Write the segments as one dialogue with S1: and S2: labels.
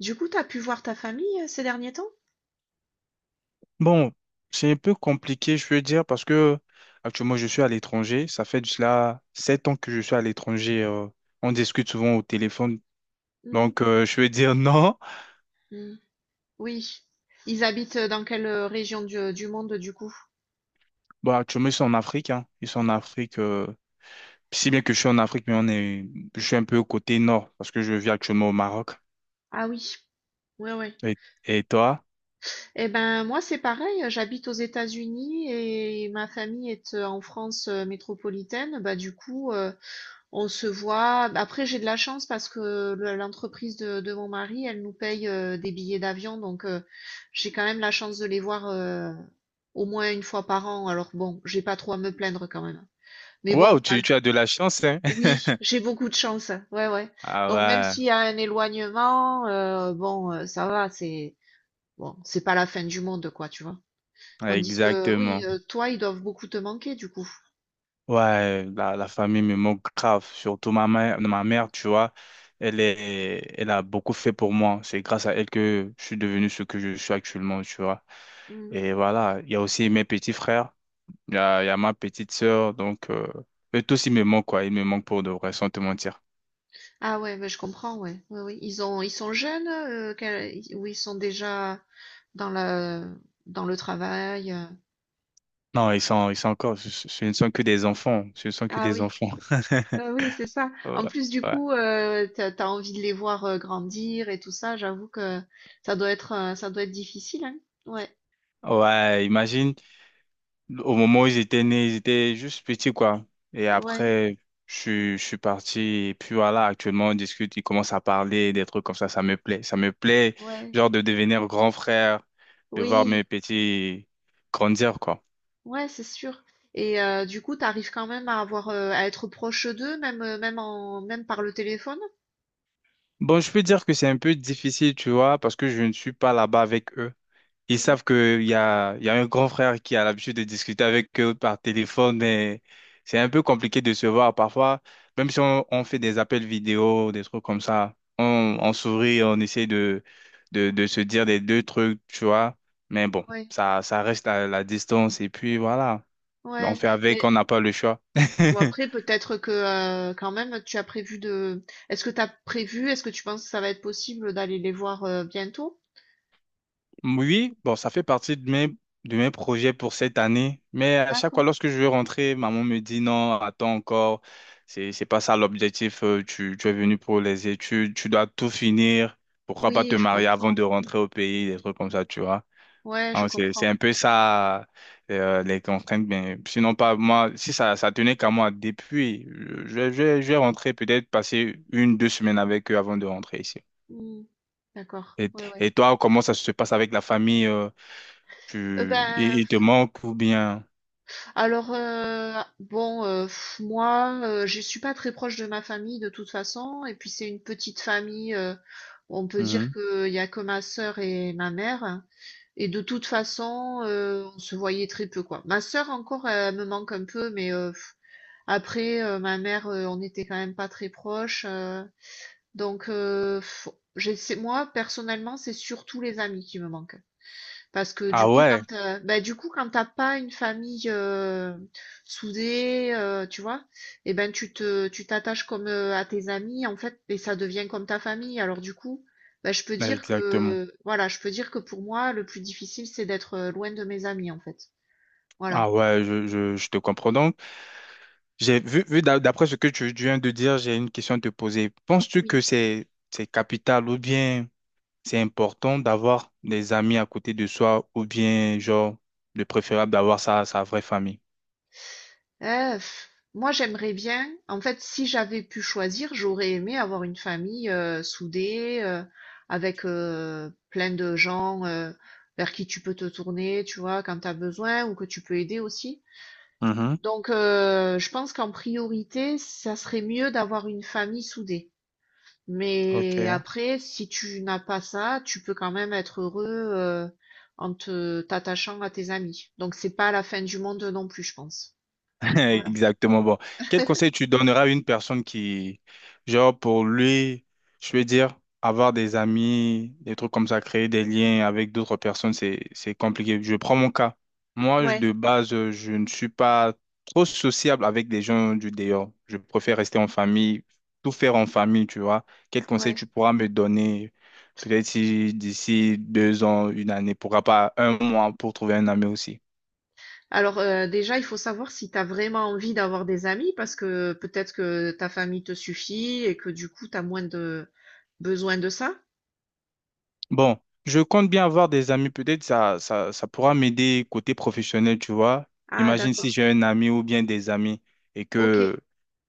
S1: Du coup, t'as pu voir ta famille ces derniers temps?
S2: Bon, c'est un peu compliqué, je veux dire, parce que actuellement, je suis à l'étranger. Ça fait de cela 7 ans que je suis à l'étranger. On discute souvent au téléphone.
S1: Hmm.
S2: Donc, je veux dire non.
S1: Hmm. Oui. Ils habitent dans quelle région du monde du coup?
S2: Bon, actuellement, ils sont en Afrique. Hein. Ils sont en Afrique. Si bien que je suis en Afrique, mais on est, je suis un peu au côté nord parce que je vis actuellement au Maroc.
S1: Ah oui, ouais, ouais.
S2: Et, et toi?
S1: Eh ben moi c'est pareil, j'habite aux États-Unis et ma famille est en France métropolitaine. Bah du coup, on se voit. Après j'ai de la chance parce que l'entreprise de mon mari, elle nous paye des billets d'avion, donc j'ai quand même la chance de les voir au moins une fois par an. Alors bon, j'ai pas trop à me plaindre quand même. Mais
S2: Waouh,
S1: bon,
S2: tu as de la chance, hein?
S1: oui, j'ai beaucoup de chance. Ouais, ouais. Donc même
S2: Ah
S1: s'il y a un éloignement, bon, ça va, c'est bon, c'est pas la fin du monde, quoi, tu vois.
S2: ouais,
S1: Tandis que oui,
S2: exactement.
S1: toi, ils doivent beaucoup te manquer, du coup.
S2: Ouais, la famille me manque grave, surtout ma mère, tu vois, elle est, elle a beaucoup fait pour moi. C'est grâce à elle que je suis devenu ce que je suis actuellement, tu vois.
S1: Mm.
S2: Et voilà, il y a aussi mes petits frères, il y a ma petite sœur, donc eux tous ils me manquent quoi, ils me manquent pour de vrai, sans te mentir.
S1: Ah ouais, mais je comprends, ouais. Oui, oui. Ils sont jeunes, ou ils sont déjà dans dans le travail.
S2: Non, ils sont encore, ce ne sont que des enfants, ce ne sont que
S1: Ah
S2: des
S1: oui,
S2: enfants.
S1: Oui, c'est ça.
S2: Ouais,
S1: En plus, du
S2: ouais,
S1: coup, t'as envie de les voir grandir et tout ça. J'avoue que ça doit être difficile, hein. Ouais.
S2: ouais, imagine. Au moment où ils étaient nés, ils étaient juste petits, quoi. Et
S1: Ouais,
S2: après, je suis parti. Et puis voilà, actuellement, on discute, ils commencent à parler, des trucs comme ça. Ça me plaît. Ça me plaît,
S1: ouais,
S2: genre, de devenir grand frère, de voir mes
S1: oui,
S2: petits grandir, quoi.
S1: ouais, c'est sûr. Et du coup, t'arrives quand même à avoir, à être proche d'eux, même, même par le téléphone.
S2: Bon, je peux dire que c'est un peu difficile, tu vois, parce que je ne suis pas là-bas avec eux. Ils
S1: Mm.
S2: savent qu'il y a un grand frère qui a l'habitude de discuter avec eux par téléphone et c'est un peu compliqué de se voir parfois, même si on fait des appels vidéo, des trucs comme ça, on,
S1: Mm.
S2: on sourit, on essaie de se dire des deux trucs, tu vois, mais bon,
S1: Ouais,
S2: ça reste à la distance et puis voilà, on
S1: ouais.
S2: fait avec,
S1: Mais
S2: on n'a pas le choix.
S1: bon, après, peut-être que quand même, tu as prévu de. Est-ce que tu penses que ça va être possible d'aller les voir bientôt?
S2: Oui, bon, ça fait partie de mes projets pour cette année. Mais à chaque fois,
S1: D'accord.
S2: lorsque je veux rentrer, maman me dit non, attends encore. C'est pas ça l'objectif. Tu es venu pour les études, tu dois tout finir. Pourquoi pas
S1: Oui,
S2: te
S1: je
S2: marier avant
S1: comprends.
S2: de rentrer au pays, des trucs comme ça, tu vois.
S1: Ouais, je
S2: Hein, c'est
S1: comprends.
S2: un peu ça, les contraintes. Mais sinon, pas moi, si ça tenait qu'à moi, depuis, je vais rentrer peut-être passer une, 2 semaines avec eux avant de rentrer ici.
S1: Mm. D'accord.
S2: Et,
S1: Ouais, ouais.
S2: et toi, comment ça se passe avec la famille? euh, tu, il,
S1: Ben,
S2: il te manque ou bien.
S1: alors, bon, moi, je suis pas très proche de ma famille de toute façon et puis c'est une petite famille, on peut dire
S2: Mhm.
S1: qu'il y a que ma sœur et ma mère et de toute façon, on se voyait très peu, quoi. Ma sœur encore, elle me manque un peu mais après, ma mère, on était quand même pas très proches, donc heu, j'essaie moi personnellement, c'est surtout les amis qui me manquent. Parce que du
S2: Ah
S1: coup,
S2: ouais,
S1: du coup, quand t'as pas une famille soudée, tu vois, eh ben tu t'attaches comme à tes amis, en fait, et ça devient comme ta famille. Alors du coup, bah, je peux dire
S2: exactement.
S1: que voilà, je peux dire que pour moi, le plus difficile, c'est d'être loin de mes amis, en fait. Voilà.
S2: Ah ouais, je te comprends. Donc, j'ai vu d'après ce que tu viens de dire, j'ai une question à te poser. Penses-tu que c'est capital ou bien c'est important d'avoir des amis à côté de soi ou bien, genre, le préférable d'avoir sa vraie famille?
S1: Heu, moi j'aimerais bien en fait, si j'avais pu choisir, j'aurais aimé avoir une famille, soudée, avec, plein de gens, vers qui tu peux te tourner, tu vois? Quand tu as besoin ou que tu peux aider aussi.
S2: Mhm.
S1: Donc je pense qu'en priorité, ça serait mieux d'avoir une famille soudée. Mais
S2: Ok.
S1: après, si tu n'as pas ça, tu peux quand même être heureux, en te t'attachant à tes amis. Donc c'est pas la fin du monde non plus, je pense. Voilà.
S2: Exactement. Bon, quel conseil tu donneras à une personne qui, genre, pour lui, je veux dire, avoir des amis, des trucs comme ça, créer des liens avec d'autres personnes, c'est compliqué. Je prends mon cas. Moi,
S1: Ouais.
S2: de base, je ne suis pas trop sociable avec des gens du dehors. Je préfère rester en famille, tout faire en famille, tu vois. Quel conseil
S1: Ouais.
S2: tu pourras me donner, peut-être si d'ici 2 ans, une année, pourquoi pas un mois pour trouver un ami aussi?
S1: Alors déjà, il faut savoir si tu as vraiment envie d'avoir des amis parce que peut-être que ta famille te suffit et que du coup, tu as moins de besoin de ça.
S2: Bon, je compte bien avoir des amis. Peut-être ça pourra m'aider côté professionnel, tu vois.
S1: Ah,
S2: Imagine si
S1: d'accord.
S2: j'ai un ami ou bien des amis et
S1: Ok.
S2: que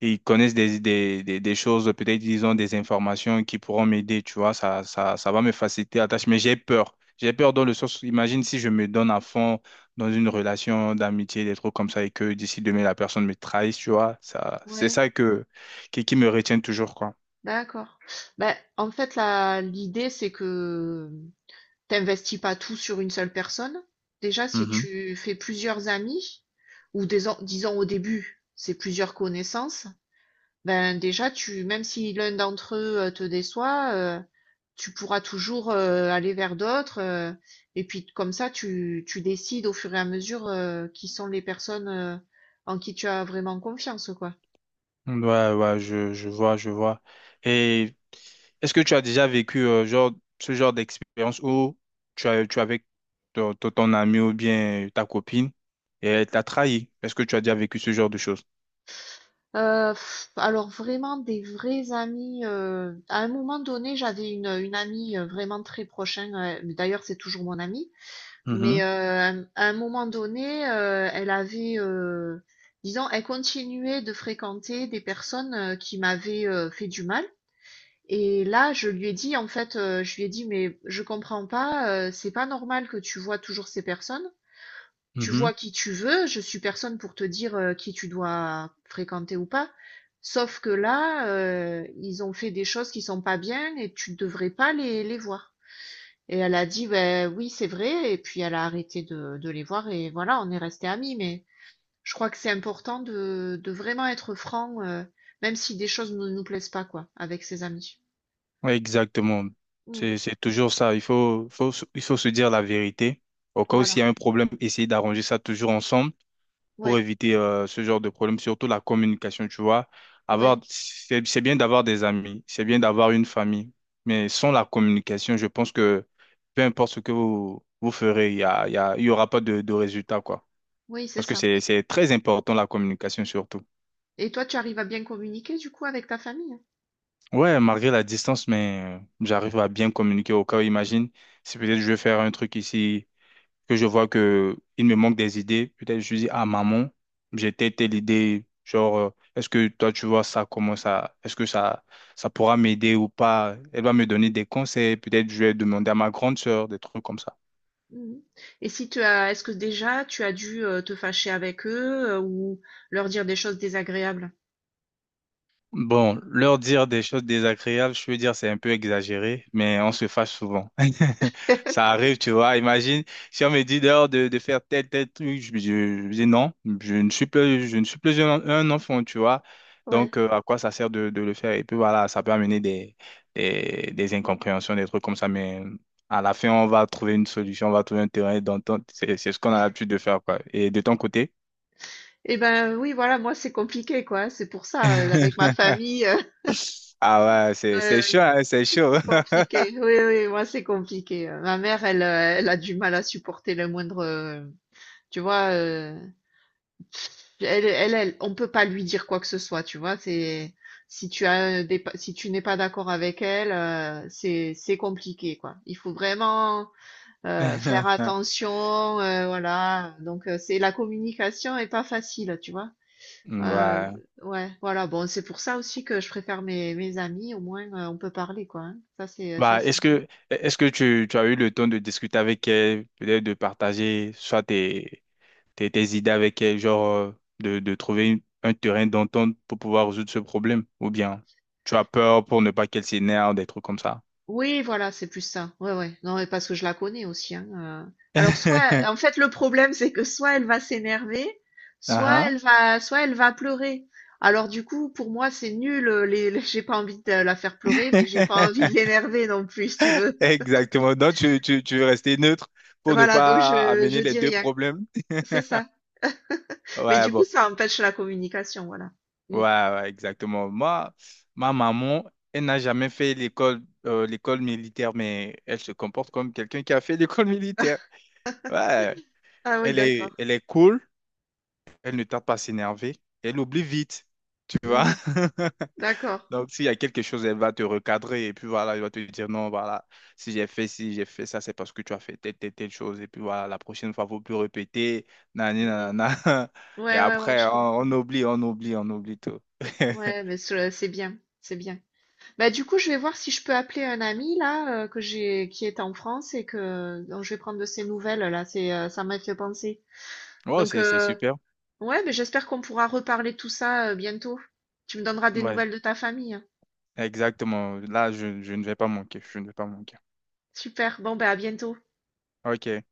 S2: ils connaissent des choses, peut-être ils ont des informations qui pourront m'aider, tu vois. Ça va me faciliter la tâche. Mais j'ai peur. J'ai peur dans le sens, où imagine si je me donne à fond dans une relation d'amitié, des trucs comme ça, et que d'ici demain, la personne me trahisse, tu vois. Ça, c'est
S1: Ouais,
S2: ça qui me retient toujours, quoi.
S1: d'accord. Ben, en fait, la l'idée, c'est que t'investis pas tout sur une seule personne. Déjà, si tu fais plusieurs amis, ou des, disons au début, c'est plusieurs connaissances, ben déjà, tu, même si l'un d'entre eux te déçoit, tu pourras toujours aller vers d'autres. Et puis comme ça, tu décides au fur et à mesure qui sont les personnes en qui tu as vraiment confiance, quoi.
S2: Ouais, ouais, je vois, je vois. Et est-ce que tu as déjà vécu genre, ce genre d'expérience où tu es avec ton ami ou bien ta copine et elle t'a trahi? Est-ce que tu as déjà vécu ce genre de choses?
S1: Alors vraiment des vrais amis. À un moment donné, j'avais une amie vraiment très prochaine. D'ailleurs, c'est toujours mon amie. Mais,
S2: Mhm,
S1: à un moment donné, elle avait, disons, elle continuait de fréquenter des personnes, qui m'avaient, fait du mal et là, je lui ai dit, en fait, je lui ai dit: «Mais je comprends pas, c'est pas normal que tu vois toujours ces personnes. Tu
S2: mhm.
S1: vois qui tu veux, je suis personne pour te dire, qui tu dois fréquenter ou pas. Sauf que là, ils ont fait des choses qui sont pas bien et tu devrais pas les voir». Et elle a dit, ben oui, c'est vrai. Et puis elle a arrêté de les voir et voilà, on est resté amis. Mais je crois que c'est important de vraiment être franc, même si des choses ne nous plaisent pas, quoi, avec ses amis.
S2: Ouais, exactement.
S1: Mm,
S2: C'est toujours ça. Il faut se dire la vérité. Au cas où
S1: voilà.
S2: s'il y a un problème, essayer d'arranger ça toujours ensemble. Pour
S1: Ouais,
S2: éviter ce genre de problème, surtout la communication, tu vois. Avoir,
S1: ouais,
S2: c'est bien d'avoir des amis, c'est bien d'avoir une famille, mais sans la communication, je pense que peu importe ce que vous ferez, il y a, il y a- il y aura pas de résultat, quoi.
S1: oui, c'est
S2: Parce que
S1: ça.
S2: c'est très important, la communication, surtout.
S1: Et toi, tu arrives à bien communiquer du coup avec ta famille?
S2: Ouais, malgré la distance, mais j'arrive à bien communiquer au cas où, imagine, si peut-être je vais faire un truc ici que je vois que il me manque des idées, peut-être je dis, ah maman, j'ai telle telle idée, genre, est-ce que toi tu vois ça, comment ça, est-ce que ça pourra m'aider ou pas? Elle va me donner des conseils, peut-être je vais demander à ma grande sœur, des trucs comme ça.
S1: Mhm. Et si tu as, est-ce que déjà tu as dû te fâcher avec eux ou leur dire des choses désagréables?
S2: Bon, leur dire des choses désagréables, je veux dire, c'est un peu exagéré, mais on se fâche souvent. Ça arrive, tu vois. Imagine, si on me dit dehors de faire tel, tel truc, je dis non, je ne suis plus, je ne suis plus un enfant, tu vois.
S1: Ouais.
S2: Donc, à quoi ça sert de le faire? Et puis voilà, ça peut amener des incompréhensions, des trucs comme ça, mais à la fin, on va trouver une solution, on va trouver un terrain d'entente. C'est ce qu'on a l'habitude de faire, quoi. Et de ton côté?
S1: Eh ben oui, voilà, moi c'est compliqué quoi. C'est pour ça avec ma famille,
S2: Ah ouais, c'est
S1: euh,
S2: chaud, hein, c'est chaud.
S1: c'est compliqué. Oui, oui, moi, c'est compliqué. Ma mère, elle, elle a du mal à supporter le moindre. Tu vois, elle, on peut pas lui dire quoi que ce soit. Tu vois, c'est si tu as des, si tu n'es pas d'accord avec elle, c'est compliqué, quoi. Il faut vraiment faire attention, voilà. Donc, c'est la communication est pas facile, tu vois. Euh,
S2: Ouais.
S1: ouais, voilà. Bon, c'est pour ça aussi que je préfère mes amis. Au moins, on peut parler, quoi. Hein. Ça,
S2: Bah,
S1: c'est
S2: est-ce
S1: bien.
S2: que est-ce que tu as eu le temps de discuter avec elle, peut-être de partager soit tes idées avec elle, genre de trouver un terrain d'entente pour pouvoir résoudre ce problème, ou bien tu as peur pour ne pas qu'elle s'énerve, des trucs comme ça.
S1: Oui, voilà, c'est plus ça. Ouais, ouais. Non, mais parce que je la connais aussi, hein, Alors soit en fait, le problème, c'est que soit elle va s'énerver, soit
S2: Ah
S1: elle
S2: ah.
S1: va pleurer. Alors du coup, pour moi, c'est nul, les j'ai pas envie de la faire pleurer, mais j'ai pas envie de l'énerver non plus, si tu veux.
S2: Exactement. Donc tu veux rester neutre pour ne
S1: Voilà, donc
S2: pas
S1: je
S2: amener les
S1: dis
S2: deux
S1: rien.
S2: problèmes.
S1: C'est ça. Mais
S2: Ouais,
S1: du coup,
S2: bon.
S1: ça empêche la communication, voilà.
S2: Ouais,
S1: Mmh.
S2: ouais, exactement. Moi, ma maman, elle n'a jamais fait l'école militaire, mais elle se comporte comme quelqu'un qui a fait l'école militaire. Ouais,
S1: Ah oui,
S2: elle est,
S1: d'accord.
S2: elle est cool, elle ne tarde pas à s'énerver, elle oublie vite, tu vois.
S1: Mmh. D'accord.
S2: Donc, s'il y a quelque chose, elle va te recadrer et puis voilà, elle va te dire non, voilà, si j'ai fait ça, c'est parce que tu as fait telle, telle, telle chose. Et puis voilà, la prochaine fois, il ne faut plus répéter, nani,
S1: Mmh.
S2: nanana. Et
S1: Ouais, ouais, ouais,
S2: après,
S1: je
S2: on
S1: comprends.
S2: on oublie, on oublie, on oublie tout.
S1: Ouais, mais ce c'est bien, c'est bien. Bah du coup, je vais voir si je peux appeler un ami là que j'ai qui est en France et que dont je vais prendre de ses nouvelles là. C'est ça m'a fait penser.
S2: Oh,
S1: Donc
S2: c'est super.
S1: ouais, mais j'espère qu'on pourra reparler de tout ça bientôt. Tu me donneras des
S2: Ouais,
S1: nouvelles de ta famille. Hein.
S2: exactement. Là, je ne vais pas manquer. Je ne vais pas manquer.
S1: Super. Bon bah à bientôt.
S2: Ok.